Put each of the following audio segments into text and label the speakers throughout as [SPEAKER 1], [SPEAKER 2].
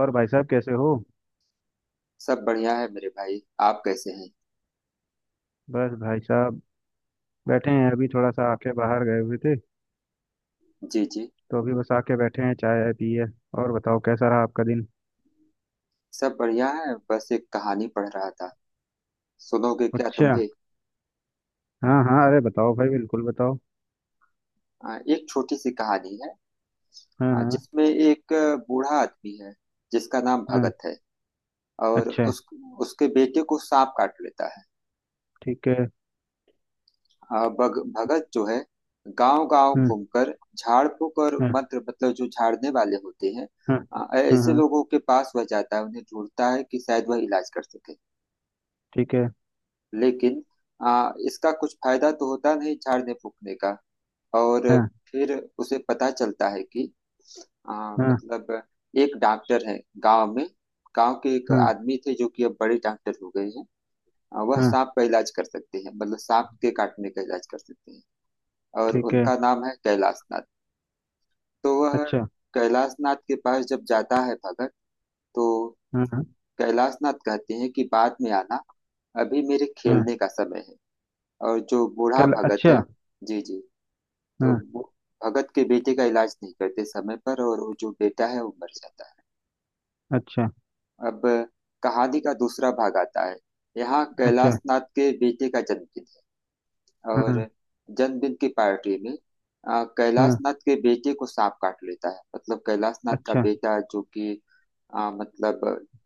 [SPEAKER 1] और भाई साहब कैसे हो?
[SPEAKER 2] सब बढ़िया है मेरे भाई। आप कैसे हैं?
[SPEAKER 1] बस भाई साहब बैठे हैं, अभी थोड़ा सा आके बाहर गए हुए थे।
[SPEAKER 2] जी जी।
[SPEAKER 1] तो अभी बस आके बैठे हैं, चाय वाय पी है। और बताओ, कैसा रहा आपका दिन?
[SPEAKER 2] सब बढ़िया है, बस एक कहानी पढ़ रहा था। सुनोगे क्या तुम
[SPEAKER 1] अच्छा।
[SPEAKER 2] भी?
[SPEAKER 1] हाँ हाँ, अरे बताओ भाई, बिल्कुल बताओ।
[SPEAKER 2] एक छोटी सी कहानी है।
[SPEAKER 1] हाँ हाँ।
[SPEAKER 2] जिसमें एक बूढ़ा आदमी है, जिसका नाम
[SPEAKER 1] हाँ।
[SPEAKER 2] भगत है। और
[SPEAKER 1] अच्छा।
[SPEAKER 2] उस उसके बेटे को सांप काट लेता है।
[SPEAKER 1] ठीक है।
[SPEAKER 2] भगत जो है, गांव गांव
[SPEAKER 1] हम्म।
[SPEAKER 2] घूमकर झाड़ फूक और
[SPEAKER 1] हाँ।
[SPEAKER 2] मंत्र, मतलब जो झाड़ने वाले होते हैं,
[SPEAKER 1] हाँ। हाँ
[SPEAKER 2] ऐसे
[SPEAKER 1] हाँ।
[SPEAKER 2] लोगों के पास वह जाता है, उन्हें ढूंढता है कि शायद वह इलाज कर सके।
[SPEAKER 1] ठीक है।
[SPEAKER 2] लेकिन इसका कुछ फायदा तो होता नहीं झाड़ने फूकने का। और
[SPEAKER 1] हाँ
[SPEAKER 2] फिर उसे पता चलता है कि
[SPEAKER 1] हाँ।
[SPEAKER 2] मतलब एक डॉक्टर है गांव में। गांव के एक
[SPEAKER 1] हाँ
[SPEAKER 2] आदमी थे जो कि अब बड़े डॉक्टर हो गए हैं। वह
[SPEAKER 1] हाँ।
[SPEAKER 2] सांप का इलाज कर सकते हैं, मतलब सांप के काटने का इलाज कर सकते हैं। और
[SPEAKER 1] ठीक है।
[SPEAKER 2] उनका नाम है कैलाश नाथ। तो वह
[SPEAKER 1] अच्छा।
[SPEAKER 2] कैलाश नाथ के पास जब जाता है भगत, तो
[SPEAKER 1] हाँ हाँ।
[SPEAKER 2] कैलाश नाथ कहते हैं कि बाद में आना, अभी मेरे
[SPEAKER 1] हाँ
[SPEAKER 2] खेलने का समय है। और जो बूढ़ा
[SPEAKER 1] कल,
[SPEAKER 2] भगत
[SPEAKER 1] अच्छा।
[SPEAKER 2] है, जी जी, तो
[SPEAKER 1] हाँ।
[SPEAKER 2] वो भगत के बेटे का इलाज नहीं करते समय पर, और वो जो बेटा है वो मर जाता है।
[SPEAKER 1] अच्छा।
[SPEAKER 2] अब कहानी का दूसरा भाग आता है। यहाँ
[SPEAKER 1] अच्छा।
[SPEAKER 2] कैलाश नाथ के बेटे का जन्मदिन है,
[SPEAKER 1] हाँ
[SPEAKER 2] और जन्मदिन की पार्टी में कैलाश
[SPEAKER 1] हाँ।
[SPEAKER 2] नाथ के बेटे को सांप काट लेता है, मतलब कैलाश नाथ का
[SPEAKER 1] अच्छा।
[SPEAKER 2] बेटा जो कि मतलब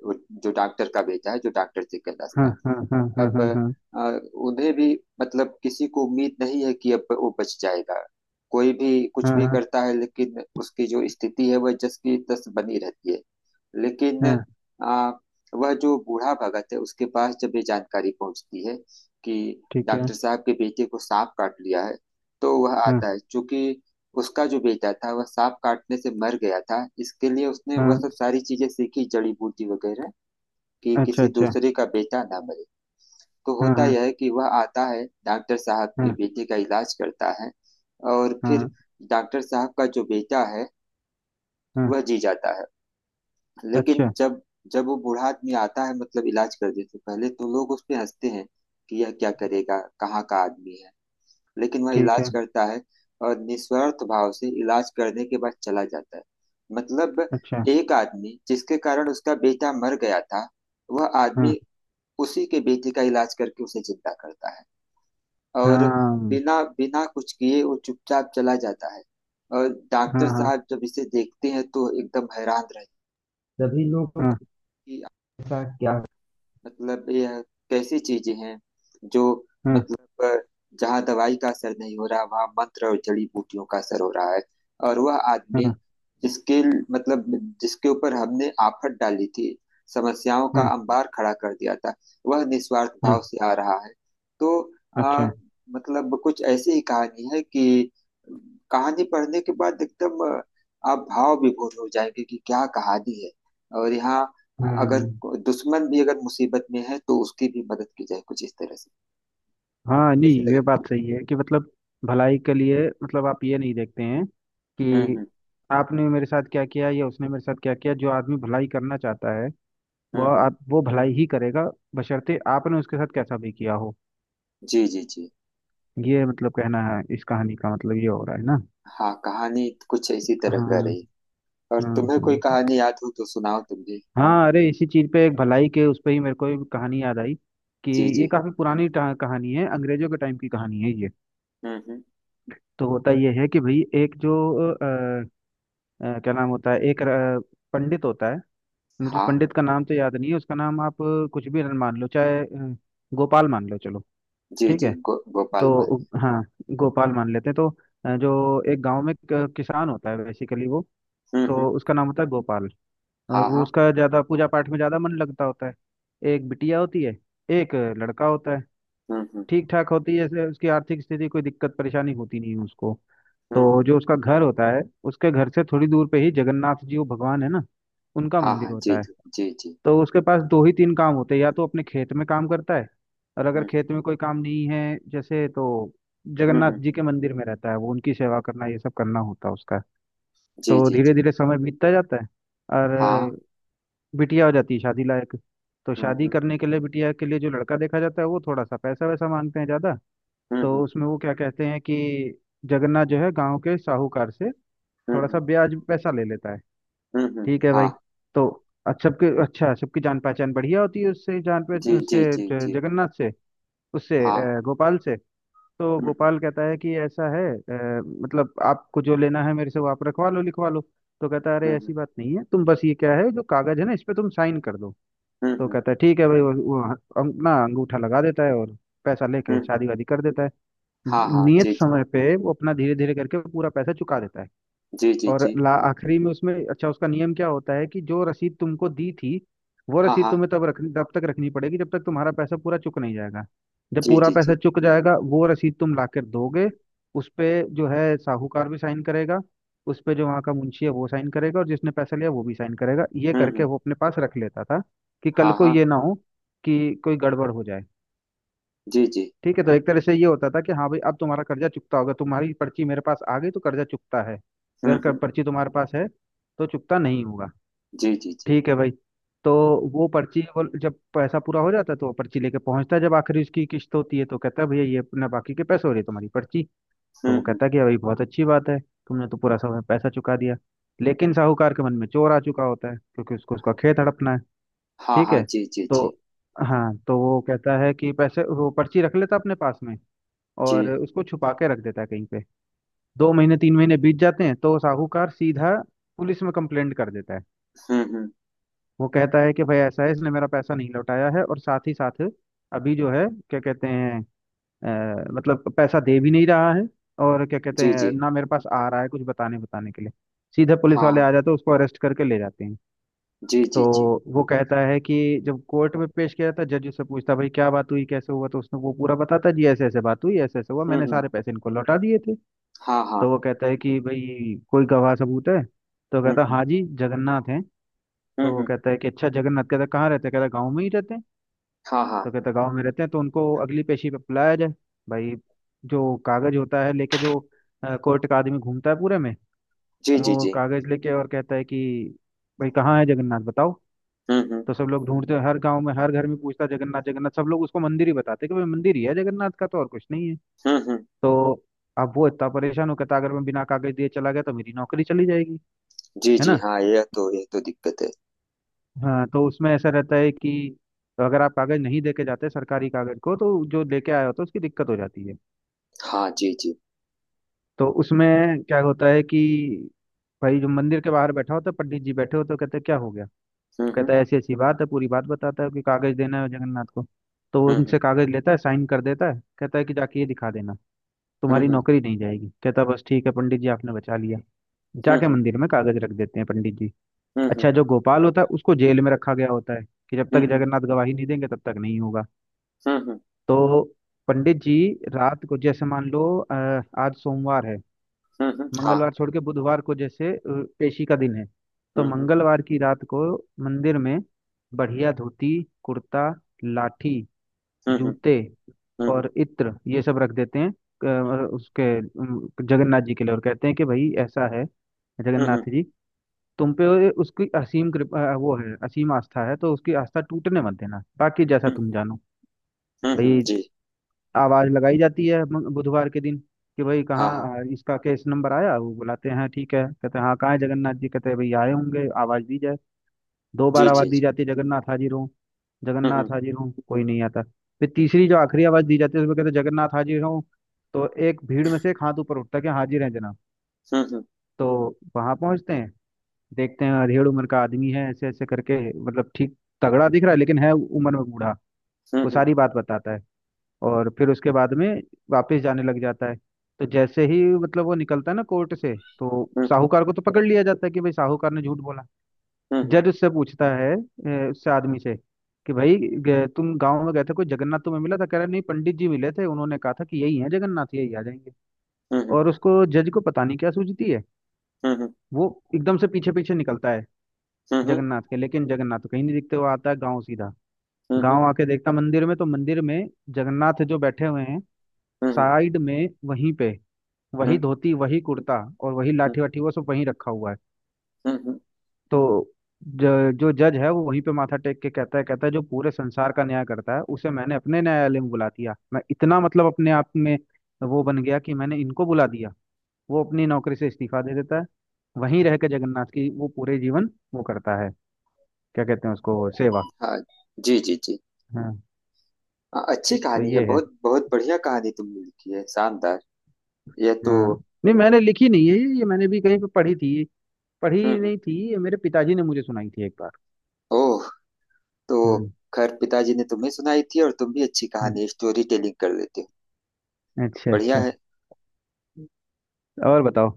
[SPEAKER 2] वो, जो डॉक्टर का बेटा है, जो डॉक्टर थे कैलाश
[SPEAKER 1] हाँ
[SPEAKER 2] नाथ।
[SPEAKER 1] हाँ हाँ हाँ
[SPEAKER 2] अब
[SPEAKER 1] हाँ हाँ।
[SPEAKER 2] आ, उन्हें भी, मतलब किसी को उम्मीद नहीं है कि अब वो बच जाएगा। कोई भी कुछ
[SPEAKER 1] हाँ
[SPEAKER 2] भी
[SPEAKER 1] हाँ।
[SPEAKER 2] करता है, लेकिन उसकी जो स्थिति है वह जस की तस बनी रहती है। लेकिन
[SPEAKER 1] हाँ,
[SPEAKER 2] आ, वह जो बूढ़ा भगत है उसके पास जब ये जानकारी पहुंचती है कि
[SPEAKER 1] ठीक है।
[SPEAKER 2] डॉक्टर साहब के बेटे को सांप काट लिया है, तो वह
[SPEAKER 1] हाँ
[SPEAKER 2] आता है, चूंकि उसका जो बेटा था वह सांप काटने से मर गया था, इसके लिए उसने वह
[SPEAKER 1] हाँ।
[SPEAKER 2] सब सारी चीजें सीखी जड़ी बूटी वगैरह, कि
[SPEAKER 1] अच्छा
[SPEAKER 2] किसी
[SPEAKER 1] अच्छा।
[SPEAKER 2] दूसरे का बेटा ना मरे। तो
[SPEAKER 1] हाँ
[SPEAKER 2] होता
[SPEAKER 1] हाँ।
[SPEAKER 2] यह है कि वह आता है, डॉक्टर साहब के
[SPEAKER 1] हाँ।
[SPEAKER 2] बेटे का इलाज करता है, और फिर
[SPEAKER 1] हाँ
[SPEAKER 2] डॉक्टर साहब का जो बेटा है
[SPEAKER 1] हाँ।
[SPEAKER 2] वह जी जाता है। लेकिन
[SPEAKER 1] अच्छा।
[SPEAKER 2] जब जब वो बूढ़ा आदमी आता है, मतलब इलाज करने से पहले, तो लोग उस पे हंसते हैं कि यह क्या करेगा, कहाँ का आदमी है। लेकिन वह
[SPEAKER 1] ठीक है।
[SPEAKER 2] इलाज करता है, और निस्वार्थ भाव से इलाज करने के बाद चला जाता है। मतलब
[SPEAKER 1] अच्छा।
[SPEAKER 2] एक आदमी जिसके कारण उसका बेटा मर गया था, वह
[SPEAKER 1] हाँ
[SPEAKER 2] आदमी उसी के बेटे का इलाज करके उसे जिंदा करता है, और
[SPEAKER 1] हाँ।
[SPEAKER 2] बिना बिना कुछ किए वो चुपचाप चला जाता है। और डॉक्टर
[SPEAKER 1] हाँ हाँ।
[SPEAKER 2] साहब जब इसे देखते हैं तो एकदम हैरान रहते हैं। सभी लोगों हैं
[SPEAKER 1] हाँ
[SPEAKER 2] कि ऐसा क्या, मतलब यह कैसी चीजें हैं जो,
[SPEAKER 1] हाँ।
[SPEAKER 2] मतलब जहाँ दवाई का असर नहीं हो रहा वहाँ मंत्र और जड़ी बूटियों का असर हो रहा है। और वह आदमी
[SPEAKER 1] हाँ
[SPEAKER 2] जिसके, मतलब जिसके ऊपर हमने आफत डाली थी, समस्याओं का
[SPEAKER 1] हाँ।
[SPEAKER 2] अंबार खड़ा कर दिया था, वह निस्वार्थ
[SPEAKER 1] हाँ,
[SPEAKER 2] भाव से आ रहा है। तो आ,
[SPEAKER 1] अच्छा।
[SPEAKER 2] मतलब कुछ ऐसी ही कहानी है कि कहानी पढ़ने के बाद एकदम आप भाव विभोर हो जाएंगे कि क्या कहानी है। और यहाँ अगर
[SPEAKER 1] हाँ
[SPEAKER 2] दुश्मन भी अगर मुसीबत में है तो उसकी भी मदद की जाए, कुछ इस तरह से।
[SPEAKER 1] हाँ,
[SPEAKER 2] ऐसे
[SPEAKER 1] नहीं ये
[SPEAKER 2] लगे।
[SPEAKER 1] बात सही है कि मतलब भलाई के लिए, मतलब आप ये नहीं देखते हैं कि
[SPEAKER 2] हम्म।
[SPEAKER 1] आपने मेरे साथ क्या किया या उसने मेरे साथ क्या किया। जो आदमी भलाई करना चाहता है
[SPEAKER 2] हम्म
[SPEAKER 1] वह
[SPEAKER 2] हम्म।
[SPEAKER 1] आप वो भलाई ही करेगा, बशर्ते आपने उसके साथ कैसा भी किया हो।
[SPEAKER 2] जी जी जी।
[SPEAKER 1] ये मतलब कहना है, इस कहानी का मतलब ये हो रहा है ना।
[SPEAKER 2] हाँ, कहानी कुछ इसी
[SPEAKER 1] हाँ
[SPEAKER 2] तरह का
[SPEAKER 1] हाँ।
[SPEAKER 2] रही। और
[SPEAKER 1] हाँ
[SPEAKER 2] तुम्हें कोई
[SPEAKER 1] हाँ।
[SPEAKER 2] कहानी याद हो तो सुनाओ तुम भी।
[SPEAKER 1] हाँ अरे, इसी चीज पे एक भलाई के उस पे ही मेरे को एक कहानी याद आई कि
[SPEAKER 2] जी
[SPEAKER 1] ये
[SPEAKER 2] जी।
[SPEAKER 1] काफी पुरानी कहानी है, अंग्रेजों के टाइम की कहानी है ये।
[SPEAKER 2] हम्म।
[SPEAKER 1] तो होता ये है कि भाई एक जो अ, क्या नाम होता है, एक पंडित होता है। मुझे उस
[SPEAKER 2] हाँ,
[SPEAKER 1] पंडित का नाम तो याद नहीं है, उसका नाम आप कुछ भी मान लो, चाहे गोपाल मान लो चलो।
[SPEAKER 2] जी
[SPEAKER 1] ठीक
[SPEAKER 2] जी,
[SPEAKER 1] है।
[SPEAKER 2] गोपाल
[SPEAKER 1] तो
[SPEAKER 2] माली।
[SPEAKER 1] हाँ गोपाल मान लेते हैं। तो जो एक गांव में एक, किसान होता है बेसिकली वो। तो
[SPEAKER 2] हम्म।
[SPEAKER 1] उसका नाम होता है गोपाल। और
[SPEAKER 2] हाँ
[SPEAKER 1] वो
[SPEAKER 2] हाँ।
[SPEAKER 1] उसका ज्यादा पूजा पाठ में ज्यादा मन लगता होता है। एक बिटिया होती है, एक लड़का होता है।
[SPEAKER 2] हम्म।
[SPEAKER 1] ठीक ठाक होती है जैसे उसकी आर्थिक स्थिति, कोई दिक्कत परेशानी होती नहीं है उसको। तो
[SPEAKER 2] हम्म।
[SPEAKER 1] जो उसका घर होता है, उसके घर से थोड़ी दूर पे ही जगन्नाथ जी, वो भगवान है ना, उनका
[SPEAKER 2] हाँ
[SPEAKER 1] मंदिर
[SPEAKER 2] हाँ। जी
[SPEAKER 1] होता है।
[SPEAKER 2] जी जी जी।
[SPEAKER 1] तो उसके पास दो ही तीन काम होते हैं, या तो अपने खेत में काम करता है, और अगर
[SPEAKER 2] हम्म।
[SPEAKER 1] खेत में कोई काम नहीं है जैसे तो जगन्नाथ
[SPEAKER 2] हम्म।
[SPEAKER 1] जी
[SPEAKER 2] हम्म।
[SPEAKER 1] के मंदिर में रहता है, वो उनकी सेवा करना ये सब करना होता है उसका।
[SPEAKER 2] जी
[SPEAKER 1] तो
[SPEAKER 2] जी
[SPEAKER 1] धीरे
[SPEAKER 2] जी।
[SPEAKER 1] धीरे समय बीतता जाता है,
[SPEAKER 2] हाँ।
[SPEAKER 1] और बिटिया हो जाती है शादी लायक। तो शादी
[SPEAKER 2] हम्म।
[SPEAKER 1] करने के लिए बिटिया के लिए जो लड़का देखा जाता है वो थोड़ा सा पैसा वैसा मांगते हैं ज्यादा। तो
[SPEAKER 2] हम्म।
[SPEAKER 1] उसमें वो क्या कहते हैं कि जगन्नाथ जो है गांव के साहूकार से थोड़ा
[SPEAKER 2] हम्म।
[SPEAKER 1] सा ब्याज पैसा ले लेता है।
[SPEAKER 2] हम्म हम्म,
[SPEAKER 1] ठीक है भाई।
[SPEAKER 2] हाँ।
[SPEAKER 1] तो अच्छा सबकी जान पहचान बढ़िया होती है उससे, जान पे
[SPEAKER 2] जी जी
[SPEAKER 1] उससे
[SPEAKER 2] जी
[SPEAKER 1] ज-
[SPEAKER 2] जी।
[SPEAKER 1] जगन्नाथ से,
[SPEAKER 2] हाँ।
[SPEAKER 1] गोपाल से। तो
[SPEAKER 2] हम्म।
[SPEAKER 1] गोपाल कहता है कि ऐसा है, मतलब आपको जो लेना है मेरे से वो आप रखवा लो लिखवा लो। तो कहता है अरे
[SPEAKER 2] हम्म
[SPEAKER 1] ऐसी बात नहीं है, तुम बस ये क्या है जो कागज है ना, इस पे तुम साइन कर दो।
[SPEAKER 2] हम्म।
[SPEAKER 1] तो कहता है ठीक है भाई। वो अंगूठा लगा देता है और पैसा लेके
[SPEAKER 2] हम्म।
[SPEAKER 1] शादी वादी कर देता है।
[SPEAKER 2] हाँ हाँ।
[SPEAKER 1] नियत
[SPEAKER 2] जी जी
[SPEAKER 1] समय पे वो अपना धीरे धीरे करके पूरा पैसा चुका देता है।
[SPEAKER 2] जी जी
[SPEAKER 1] और
[SPEAKER 2] जी।
[SPEAKER 1] ला आखिरी में उसमें अच्छा, उसका नियम क्या होता है कि जो रसीद तुमको दी थी, वो
[SPEAKER 2] हाँ
[SPEAKER 1] रसीद
[SPEAKER 2] हाँ।
[SPEAKER 1] तुम्हें तब तक रखनी पड़ेगी जब तक तुम्हारा पैसा पूरा चुक नहीं जाएगा। जब
[SPEAKER 2] जी
[SPEAKER 1] पूरा
[SPEAKER 2] जी जी।
[SPEAKER 1] पैसा चुक जाएगा, वो रसीद तुम लाकर दोगे। उस पे जो है साहूकार भी साइन करेगा। उस पे जो वहाँ का मुंशी है वो साइन करेगा, और जिसने पैसा लिया वो भी साइन करेगा, ये करके
[SPEAKER 2] हम्म।
[SPEAKER 1] वो अपने पास रख लेता था। कि कल
[SPEAKER 2] हाँ
[SPEAKER 1] को
[SPEAKER 2] हाँ।
[SPEAKER 1] ये ना हो कि कोई गड़बड़ हो जाए।
[SPEAKER 2] जी जी।
[SPEAKER 1] ठीक है। तो एक तरह से ये होता था कि हाँ भाई, अब तुम्हारा कर्जा चुकता होगा, तुम्हारी पर्ची मेरे पास आ गई तो कर्जा चुकता है, अगर
[SPEAKER 2] हम्म।
[SPEAKER 1] पर्ची तुम्हारे पास है तो चुकता नहीं होगा।
[SPEAKER 2] जी जी जी।
[SPEAKER 1] ठीक है भाई। तो वो पर्ची, वो जब पैसा पूरा हो जाता है तो वो पर्ची लेके पहुंचता है, जब आखिरी उसकी किस्त होती है तो कहता है भैया ये अपना बाकी के पैसे हो रही है तुम्हारी पर्ची। तो वो
[SPEAKER 2] हम्म।
[SPEAKER 1] कहता है कि हाँ भाई, बहुत अच्छी बात है, तुमने तो पूरा समय पैसा चुका दिया। लेकिन साहूकार के मन में चोर आ चुका होता है, क्योंकि उसको उसका खेत हड़पना है।
[SPEAKER 2] हाँ
[SPEAKER 1] ठीक
[SPEAKER 2] हाँ।
[SPEAKER 1] है।
[SPEAKER 2] जी जी
[SPEAKER 1] तो
[SPEAKER 2] जी
[SPEAKER 1] हाँ, तो वो कहता है कि पैसे, वो पर्ची रख लेता अपने पास में,
[SPEAKER 2] जी।
[SPEAKER 1] और उसको छुपा के रख देता है कहीं पे। 2 महीने 3 महीने बीत जाते हैं तो साहूकार सीधा पुलिस में कंप्लेंट कर देता है।
[SPEAKER 2] हम्म।
[SPEAKER 1] वो कहता है कि भाई ऐसा है, इसने मेरा पैसा नहीं लौटाया है, और साथ ही साथ अभी जो है क्या कहते हैं, मतलब पैसा दे भी नहीं रहा है, और क्या कहते
[SPEAKER 2] जी
[SPEAKER 1] हैं
[SPEAKER 2] जी।
[SPEAKER 1] ना मेरे पास आ रहा है कुछ बताने बताने के लिए। सीधे पुलिस
[SPEAKER 2] हाँ
[SPEAKER 1] वाले
[SPEAKER 2] हाँ।
[SPEAKER 1] आ जाते हैं, उसको अरेस्ट करके ले जाते हैं।
[SPEAKER 2] जी जी जी।
[SPEAKER 1] तो वो कहता है कि जब कोर्ट में पेश किया जाता है, जज उससे पूछता है, भाई क्या बात हुई, कैसे हुआ। तो उसने वो पूरा बताता है, जी ऐसे ऐसे बात हुई, ऐसे ऐसे हुआ, मैंने
[SPEAKER 2] हम्म।
[SPEAKER 1] सारे पैसे इनको लौटा दिए थे।
[SPEAKER 2] हाँ हाँ।
[SPEAKER 1] तो वो कहता है कि भाई कोई गवाह सबूत है। तो कहता है
[SPEAKER 2] हम्म।
[SPEAKER 1] हाँ जी, जगन्नाथ हैं। तो वो
[SPEAKER 2] हम्म।
[SPEAKER 1] कहता है कि अच्छा जगन्नाथ, कहता है कहाँ रहते हैं, कहता है गाँव में ही रहते हैं।
[SPEAKER 2] हाँ हाँ।
[SPEAKER 1] तो कहता है गाँव में रहते हैं तो उनको अगली पेशी पे बुलाया जाए। भाई जो कागज होता है लेके जो कोर्ट का आदमी घूमता है पूरे में,
[SPEAKER 2] जी जी
[SPEAKER 1] वो
[SPEAKER 2] जी।
[SPEAKER 1] कागज लेके, और कहता है कि भाई कहाँ है जगन्नाथ, बताओ।
[SPEAKER 2] हम्म।
[SPEAKER 1] तो सब लोग ढूंढते हैं, हर गांव में हर घर में पूछता है जगन्नाथ जगन्नाथ, सब लोग उसको मंदिर ही बताते हैं कि भाई मंदिर ही है जगन्नाथ का, तो और कुछ नहीं है।
[SPEAKER 2] हम्म।
[SPEAKER 1] तो अब वो इतना परेशान हो, कहता अगर मैं बिना कागज दिए चला गया तो मेरी नौकरी चली जाएगी।
[SPEAKER 2] जी
[SPEAKER 1] है
[SPEAKER 2] जी।
[SPEAKER 1] ना।
[SPEAKER 2] हाँ, यह तो दिक्कत है।
[SPEAKER 1] हाँ तो उसमें ऐसा रहता है कि तो अगर आप कागज नहीं देके जाते सरकारी कागज को, तो जो लेके आया होता है उसकी दिक्कत हो जाती है।
[SPEAKER 2] हाँ जी जी।
[SPEAKER 1] तो उसमें क्या होता है कि भाई जो मंदिर के बाहर बैठा होता है, पंडित जी बैठे होते हैं, कहते हैं क्या हो गया।
[SPEAKER 2] हम्म।
[SPEAKER 1] कहता है ऐसी ऐसी बात है, पूरी बात बताता है कि कागज देना है जगन्नाथ को। तो वो उनसे
[SPEAKER 2] हम्म
[SPEAKER 1] कागज लेता है, साइन कर देता है, कहता है कि जाके ये दिखा देना, तुम्हारी
[SPEAKER 2] हम्म।
[SPEAKER 1] नौकरी नहीं जाएगी। कहता है, बस ठीक है पंडित जी, आपने बचा लिया। जाके
[SPEAKER 2] हम्म।
[SPEAKER 1] मंदिर में कागज रख देते हैं पंडित जी।
[SPEAKER 2] हम्म
[SPEAKER 1] अच्छा जो गोपाल होता है उसको जेल में रखा गया होता है, कि जब
[SPEAKER 2] हम्म।
[SPEAKER 1] तक जगन्नाथ गवाही नहीं देंगे तब तक नहीं होगा।
[SPEAKER 2] हम्म।
[SPEAKER 1] तो पंडित जी रात को, जैसे मान लो आज सोमवार है।
[SPEAKER 2] हम्म। हाँ।
[SPEAKER 1] मंगलवार छोड़ के बुधवार को जैसे पेशी का दिन है। तो
[SPEAKER 2] हम्म।
[SPEAKER 1] मंगलवार की रात को मंदिर में बढ़िया धोती, कुर्ता, लाठी,
[SPEAKER 2] हम्म।
[SPEAKER 1] जूते,
[SPEAKER 2] हम्म
[SPEAKER 1] और इत्र ये सब रख देते हैं जगन्नाथ जी के लिए, और कहते हैं कि भाई ऐसा है
[SPEAKER 2] हम्म।
[SPEAKER 1] जगन्नाथ जी, तुम पे उसकी असीम कृपा, वो है असीम आस्था है, तो उसकी आस्था टूटने मत देना, बाकी जैसा
[SPEAKER 2] हम्म।
[SPEAKER 1] तुम जानो।
[SPEAKER 2] हुँ, हुँ,
[SPEAKER 1] भाई
[SPEAKER 2] जी।
[SPEAKER 1] आवाज लगाई जाती है बुधवार के दिन, कि भाई
[SPEAKER 2] हाँ, हाँ।
[SPEAKER 1] कहाँ, इसका केस नंबर आया वो बुलाते हैं। ठीक है, कहते हैं हाँ कहाँ है जगन्नाथ जी, कहते हैं भाई आए होंगे, आवाज दी जाए। दो
[SPEAKER 2] जी,
[SPEAKER 1] बार
[SPEAKER 2] जी,
[SPEAKER 1] आवाज दी
[SPEAKER 2] जी।
[SPEAKER 1] जाती है, जगन्नाथ हाजिर हो,
[SPEAKER 2] हुँ, हुँ।
[SPEAKER 1] जगन्नाथ हाजिर हो, कोई नहीं आता। फिर तीसरी जो आखिरी आवाज दी जाती है उसमें कहते हैं जगन्नाथ हाजिर हो। तो एक भीड़ में से एक हाथ ऊपर उठता है कि हाजिर है जनाब।
[SPEAKER 2] हुँ, हुँ।
[SPEAKER 1] तो वहां पहुंचते हैं, देखते हैं अधेड़ उम्र का आदमी है, ऐसे ऐसे करके मतलब ठीक तगड़ा दिख रहा है, लेकिन है उम्र में बूढ़ा।
[SPEAKER 2] हुँ,
[SPEAKER 1] वो
[SPEAKER 2] हुँ।
[SPEAKER 1] सारी बात बताता है और फिर उसके बाद में वापस जाने लग जाता है। तो जैसे ही मतलब वो निकलता है ना कोर्ट से, तो
[SPEAKER 2] हुँ,
[SPEAKER 1] साहूकार को तो पकड़ लिया जाता है कि भाई साहूकार ने झूठ बोला।
[SPEAKER 2] हुँ, हुँ।
[SPEAKER 1] जज उससे पूछता है, उससे आदमी से कि भाई तुम गांव में गए थे, कोई जगन्नाथ तुम्हें मिला था। कह रहा नहीं, पंडित जी मिले थे, उन्होंने कहा था कि यही है जगन्नाथ, यही आ जाएंगे।
[SPEAKER 2] हुँ, हुँ।
[SPEAKER 1] और उसको जज को पता नहीं क्या सूझती है,
[SPEAKER 2] हुँ, हुँ।
[SPEAKER 1] वो एकदम से पीछे पीछे निकलता है जगन्नाथ के, लेकिन जगन्नाथ तो कहीं नहीं दिखते। वो आता है गाँव सीधा,
[SPEAKER 2] हुँ, हुँ।
[SPEAKER 1] गाँव आके देखता मंदिर में, तो मंदिर में जगन्नाथ जो बैठे हुए हैं
[SPEAKER 2] हुँ, हुँ। हुँ, हुँ।
[SPEAKER 1] साइड में वहीं पे,
[SPEAKER 2] हुँ,
[SPEAKER 1] वही धोती, वही कुर्ता, और वही
[SPEAKER 2] हुँ।
[SPEAKER 1] लाठी वाठी वो सब वहीं रखा हुआ है।
[SPEAKER 2] हुँ, हुँ।
[SPEAKER 1] तो जो जज है वो वहीं पे माथा टेक के कहता है, कहता है जो पूरे संसार का न्याय करता है उसे मैंने अपने न्यायालय में बुला दिया, मैं इतना मतलब अपने आप में वो बन गया कि मैंने इनको बुला दिया। वो अपनी नौकरी से इस्तीफा दे देता है, वहीं रह के जगन्नाथ की वो पूरे जीवन वो करता है, क्या कहते हैं उसको, सेवा।
[SPEAKER 2] हाँ। जी, जी, जी।
[SPEAKER 1] हाँ।
[SPEAKER 2] अच्छी
[SPEAKER 1] तो
[SPEAKER 2] कहानी है।
[SPEAKER 1] ये है।
[SPEAKER 2] बहुत बहुत बढ़िया कहानी तुमने लिखी है। शानदार। यह तो।
[SPEAKER 1] हाँ नहीं मैंने लिखी नहीं है ये मैंने भी कहीं पे पढ़ी थी,
[SPEAKER 2] हुँ,
[SPEAKER 1] पढ़ी
[SPEAKER 2] हुँ।
[SPEAKER 1] नहीं थी, ये मेरे पिताजी ने मुझे सुनाई थी एक बार।
[SPEAKER 2] ओह! तो।
[SPEAKER 1] हम्म।
[SPEAKER 2] खैर, पिताजी ने तुम्हें सुनाई थी, और तुम भी अच्छी
[SPEAKER 1] हम्म,
[SPEAKER 2] कहानी स्टोरी टेलिंग कर लेते हो।
[SPEAKER 1] अच्छा
[SPEAKER 2] बढ़िया
[SPEAKER 1] अच्छा।
[SPEAKER 2] है।
[SPEAKER 1] और बताओ।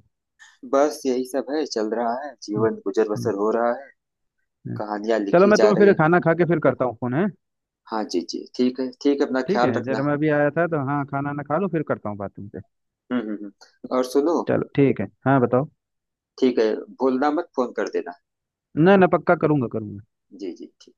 [SPEAKER 2] बस यही सब है, चल रहा है।
[SPEAKER 1] हम्म,
[SPEAKER 2] जीवन गुजर
[SPEAKER 1] हम्म,
[SPEAKER 2] बसर हो रहा है।
[SPEAKER 1] हम्म।
[SPEAKER 2] कहानियाँ
[SPEAKER 1] चलो
[SPEAKER 2] लिखी
[SPEAKER 1] मैं
[SPEAKER 2] जा
[SPEAKER 1] तुम्हें
[SPEAKER 2] रही
[SPEAKER 1] फिर
[SPEAKER 2] है।
[SPEAKER 1] खाना खा के फिर करता हूँ, फोन है।
[SPEAKER 2] हाँ जी, जी। ठीक है, ठीक है। अपना
[SPEAKER 1] ठीक
[SPEAKER 2] ख्याल
[SPEAKER 1] है, जरा
[SPEAKER 2] रखना।
[SPEAKER 1] मैं अभी आया था तो, हाँ खाना ना खा लो फिर करता हूँ बात तुमसे।
[SPEAKER 2] हम्म हम्म हम्म। और सुनो।
[SPEAKER 1] चलो ठीक है, हाँ बताओ।
[SPEAKER 2] ठीक है। भूलना मत, फोन कर देना।
[SPEAKER 1] ना ना, पक्का करूंगा करूंगा।
[SPEAKER 2] जी जी ठीक।